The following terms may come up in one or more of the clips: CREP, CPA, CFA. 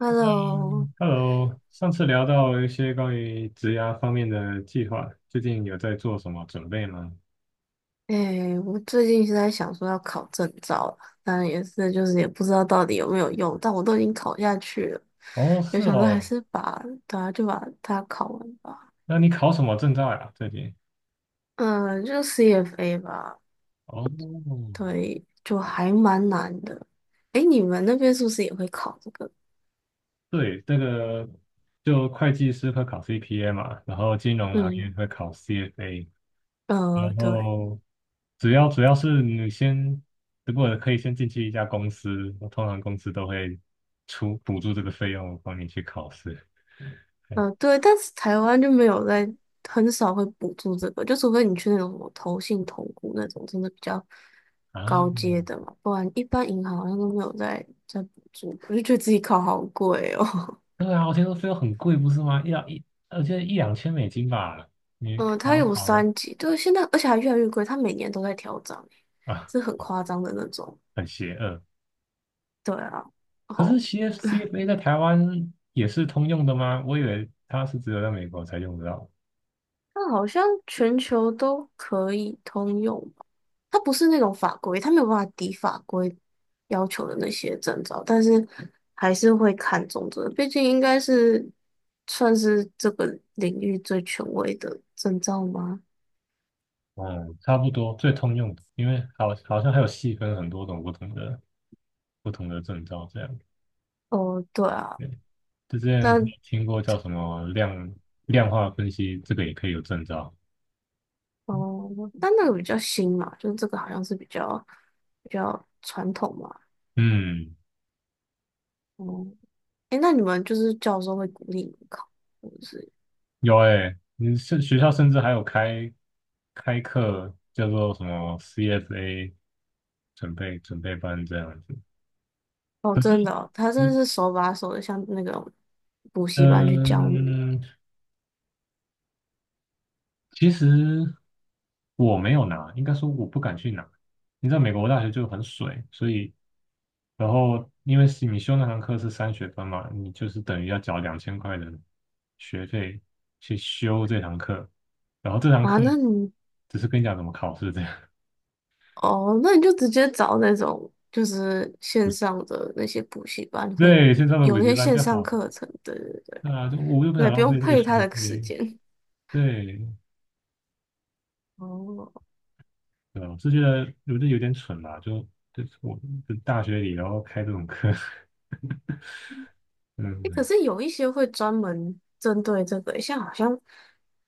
Hello，嗯 Hello，上次聊到一些关于职涯方面的计划，最近有在做什么准备吗？哎、我最近是在想说要考证照了，当然也是就是也不知道到底有没有用，但我都已经考下去了，哦，就是想说还哦，是把对啊就把它考完吧。那你考什么证照呀？最近？嗯，就 CFA 吧，哦，对，就还蛮难的。哎、你们那边是不是也会考这个？对，这个就会计师会考 CPA 嘛，然后金融行嗯，业会考 CFA，然对。后主要是你先，如果可以先进去一家公司，通常公司都会出补助这个费用帮你去考试。对嗯，对，但是台湾就没有在，很少会补助这个，就除非你去那种什么投信、投顾那种，真的比较高啊，阶的嘛，不然一般银行好像都没有在补助。我就觉得自己考好贵哦。对啊，我听说用很贵，不是吗？一两一，我记得一两千美金吧。你嗯，它考有考的三级，对，现在而且还越来越贵，它每年都在调涨欸，啊，是很夸张的那种。很邪恶。对啊，可是 哦。CFA 在台湾也是通用的吗？我以为它是只有在美国才用得到。它好像全球都可以通用吧？它不是那种法规，它没有办法抵法规要求的那些证照，但是还是会看重这个，毕竟应该是算是这个领域最权威的证照吗？嗯，差不多，最通用的，因为好像还有细分很多种不同的证照这样。哦，对啊，对，就之前还但听过叫什么量化分析，这个也可以有证照。哦，但那个比较新嘛，就是这个好像是比较传统嘛。嗯，哦，诶，那你们就是教授会鼓励你们考？有诶、你是学校甚至还有开课，叫做什么 CFA 准备班这样子。哦，可是真的哦他真的你是手把手的，像那种补习班去教你嗯，其实我没有拿，应该说我不敢去拿。你知道美国大学就很水，所以然后因为是你修那堂课是3学分嘛，你就是等于要缴2000块的学费去修这堂课，然后这堂啊。课那你只是跟你讲怎么考试这样。哦，那你就直接找那种就是线 上的那些补习班会对，先上的补有那习些班线就上好了。课程，对对对，对啊，就我又不你也想不浪用费这个配时他的时间。间。对，哦，对啊，我是觉得我这有点蠢啦，我就大学里然后开这种课，诶，可嗯，是有一些会专门针对这个，像好像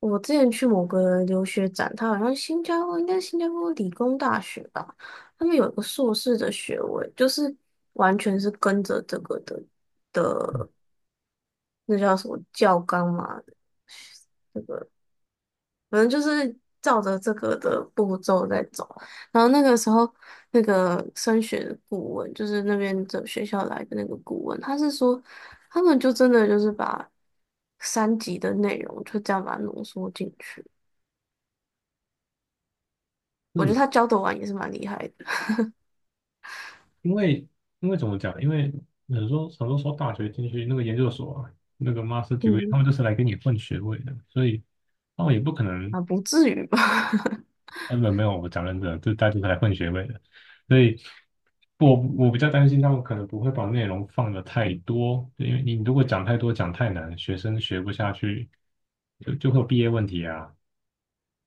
我之前去某个留学展，他好像新加坡应该是新加坡理工大学吧，他们有一个硕士的学位，就是完全是跟着这个的。那叫什么教纲嘛，反正就是照着这个的步骤在走。然后那个时候，那个升学的顾问，就是那边的学校来的那个顾问，他是说，他们就真的就是把三级的内容就这样把它浓缩进去。我觉得他是教的完也是蛮厉害的，因为因为怎么讲？因为很多很多时候大学进去那个研究所啊那个 master degree，他嗯，们就是来给你混学位的，所以他们也不可能啊，不至于吧？根本没有，我讲认真的，这大家都来混学位的，所以我比较担心他们可能不会把内容放的太多，因为你如果讲太多讲太难，学生学不下去，就会有毕业问题啊。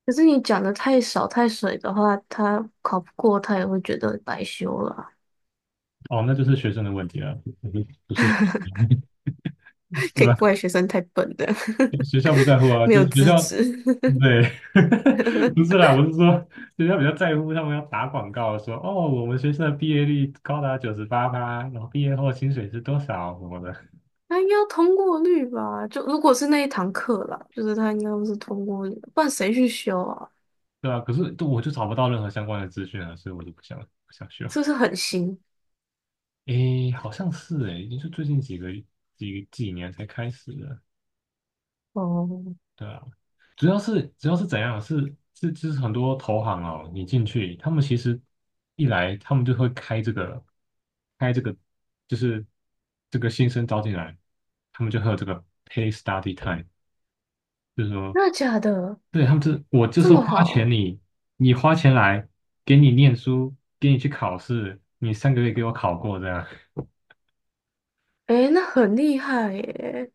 可是你讲的太少太水的话，他考不过，他也会觉得白修了啊。哦，那就是学生的问题了，不是，可对以吧？怪学生太笨的，学校不在乎 啊，没就有是学资校，质。对，不是 啦，我是说学校比较在乎他们要打广告说，哦，我们学生的毕业率高达98%，然后毕业后薪水是多少什么的。他应该要通过率吧？就如果是那一堂课啦，就是他应该都是通过率，不然谁去修啊？对啊，可是都我就找不到任何相关的资讯啊，所以我就不想修。是不是很新？诶，好像是诶，也就最近几年才开始的。哦，对啊，主要是怎样？是就是很多投行哦，你进去，他们其实一来他们就会开这个，就是这个新生招进来，他们就会有这个 pay study time，就是说那假的？对，他们这，我就这是么花钱好？你，你花钱来，给你念书，给你去考试，你上个月给我考过这样。诶，那很厉害耶！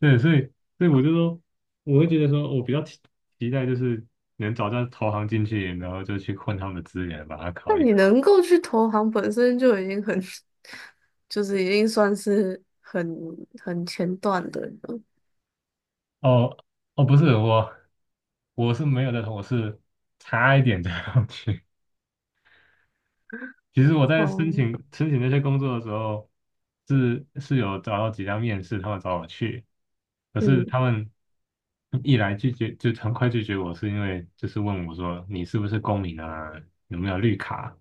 对，所以我就说，我会觉得说，我比较期待就是能找到投行进去，然后就去混他们的资源，把它那考一你考。能够去投行，本身就已经很，就是已经算是很前段的了。哦哦，不是我，我是没有的，我是差一点就要去。其实我在申请哦，申请那些工作的时候，是有找到几家面试，他们找我去，可是嗯，他们一来拒绝就很快拒绝我，是因为就是问我说你是不是公民啊，有没有绿卡，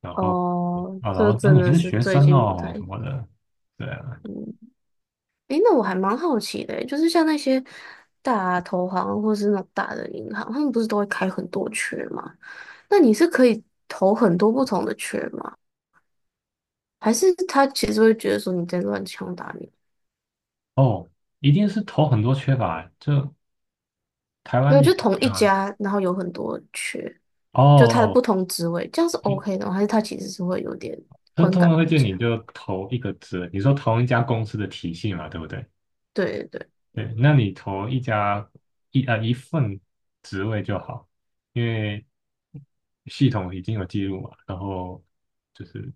然后哦，啊，然这后啊真你还的是是学最生近不哦什太，么的，对啊，嗯。诶，那我还蛮好奇的欸，就是像那些大投行或是那种大的银行，他们不是都会开很多缺吗？那你是可以投很多不同的缺吗？还是他其实会觉得说你在乱枪打鸟？哦，一定是投很多缺乏，就台没湾有，也就同是一啊，家，然后有很多缺，哦，就他的哦不同职位，这样是 就 OK 的吗还是他其实是会有点就观通常感会不建佳？议你就投一个职，你说同一家公司的体系嘛，对不对？对对对，对，那你投一家一份职位就好，因为系统已经有记录嘛。然后就是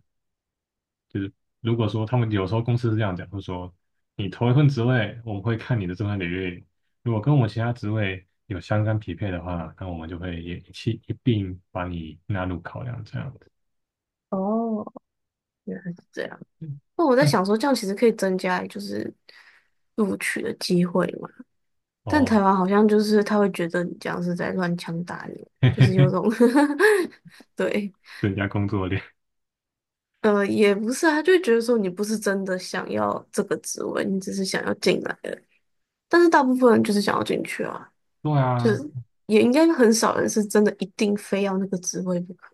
就是，如果说他们有时候公司是这样讲，就是说你投一份职位，我们会看你的这份履历，如果跟我们其他职位有相干匹配的话，那我们就会也一起一并把你纳入考量这样子。哦，原来是这样。那我在嗯，想说，这样其实可以增加就是录取的机会嘛？但台哦，湾好像就是他会觉得你这样是在乱枪打鸟，就是有种 对，增加工作量。也不是啊，他就会觉得说你不是真的想要这个职位，你只是想要进来的。但是大部分人就是想要进去啊，对就啊，是也应该很少人是真的一定非要那个职位不可。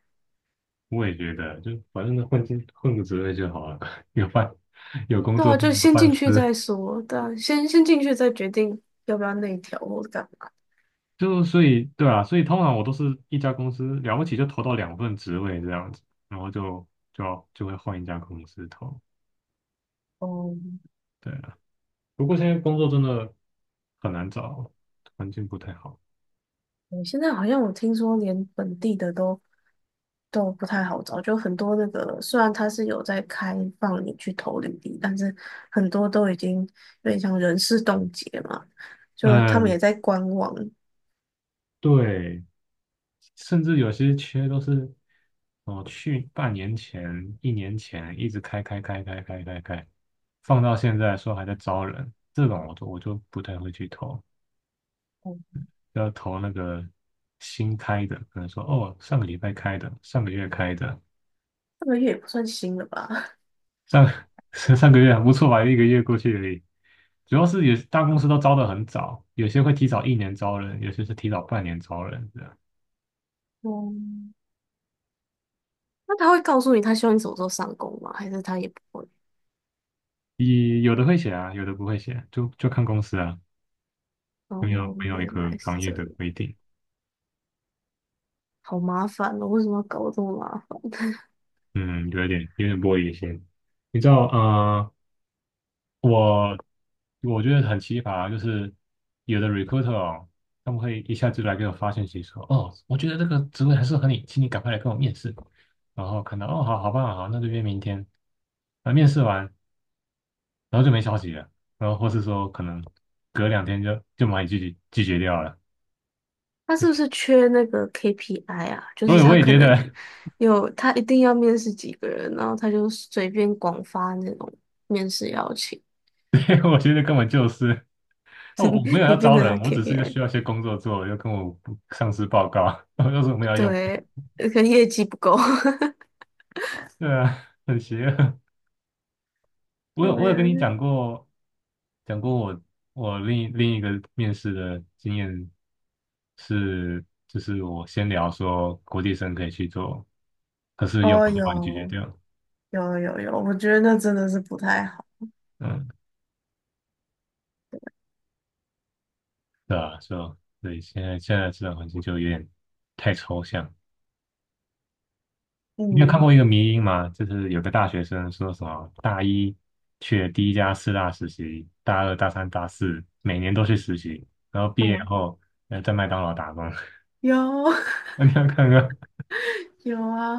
我也觉得，就反正混进混个职位就好了，有饭有工对作啊，就就有先饭进去吃。再说，对啊，先进去再决定要不要内调或者干嘛。就所以对啊，所以通常我都是一家公司了不起就投到两份职位这样子，然后就会换一家公司投。哦，对啊，不过现在工作真的很难找，环境不太好。我现在好像我听说连本地的都。都不太好找，就很多那个，虽然他是有在开放你去投履历，但是很多都已经有点像人事冻结嘛，就他们嗯、也在观望，对，甚至有些缺都是哦，去半年前、一年前一直开开开开开开开，放到现在说还在招人，这种我就不太会去投，要投那个新开的，可能说哦，上个礼拜开的，上个月开的，这个月也不算新了吧？上 上个月还不错吧，一个月过去而已。主要是有大公司都招的很早，有些会提早一年招人，有些是提早半年招人，这样。嗯，那他会告诉你他希望你什么时候上工吗？还是他也不会？也有的会写啊，有的不会写，就看公司啊。没有哦，没有一原个来是行业这的规样，定，好麻烦哦，为什么要搞这么麻烦？嗯，有点玻璃心。你知道，我我觉得很奇葩，就是有的 recruiter 哦，他们会一下子来给我发信息说，哦，我觉得这个职位很适合你，请你赶快来跟我面试。然后看到，哦，好棒，好，那就约明天。啊，面试完，然后就没消息了，然后或是说可能隔两天就把你拒绝掉了。他是不是缺那个 KPI 啊？就我是也我他也可觉能得，有，他一定要面试几个人，然后他就随便广发那种面试邀请，我觉得根本就是。那我没有 你要变招成他 人，我只是要 KPI，需要一些工作做，要跟我上司报告，然后就说我们要用，对，可能业绩不够。对啊，很邪恶。我有对我有呀，跟你讲过，讲过我我另一个面试的经验是，就是我先聊说国际生可以去做，可是用哦，我就把你拒绝有掉，有有有，我觉得那真的是不太好。嗯，对啊，所以现在这种环境就有点太抽象，你有看嗯，过一个迷因吗？就是有个大学生说什么大一去了第一家四大实习，大二、大三、大四每年都去实习，然后毕业嗯，后在麦当劳打工。有 那你要看看，有啊，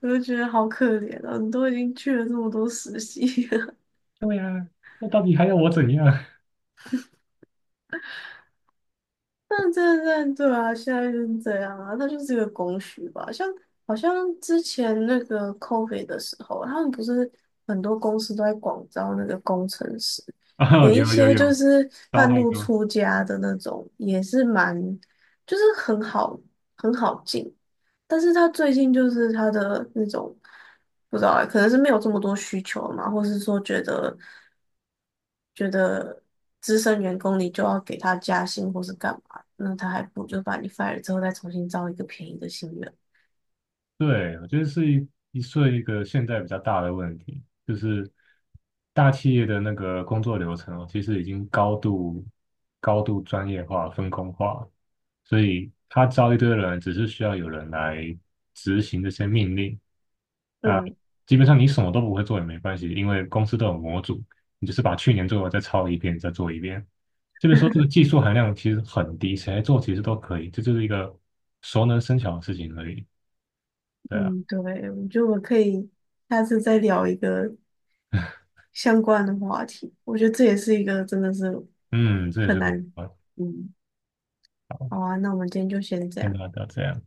我就觉得好可怜啊，你都已经去了这么多实习。对呀、那到底还要我怎样？但对对对啊，现在就是这样啊，那就是一个供需吧。像好像之前那个 COVID 的时候，他们不是很多公司都在广招那个工程师，哦，连一有有些就有，是糟半太路多。出家的那种，也是蛮就是很好很好进。但是他最近就是他的那种不知道欸，可能是没有这么多需求嘛，或是说觉得资深员工你就要给他加薪或是干嘛。那他还不如就把你 fire 之后再重新招一个便宜的新人。对，我觉得是是一个现在比较大的问题，就是大企业的那个工作流程哦，其实已经高度专业化、分工化，所以他招一堆人，只是需要有人来执行这些命令。啊，嗯，基本上你什么都不会做也没关系，因为公司都有模组，你就是把去年做的再抄一遍，再做一遍。就是说，这个技术含量其实很低，谁来做其实都可以，这就是一个熟能生巧的事情而已。对啊。嗯，对，我觉得我们可以下次再聊一个相关的话题。我觉得这也是一个真的是嗯，这也很是个难。办嗯，好，好啊，那我们今天就先这先样。大家这样。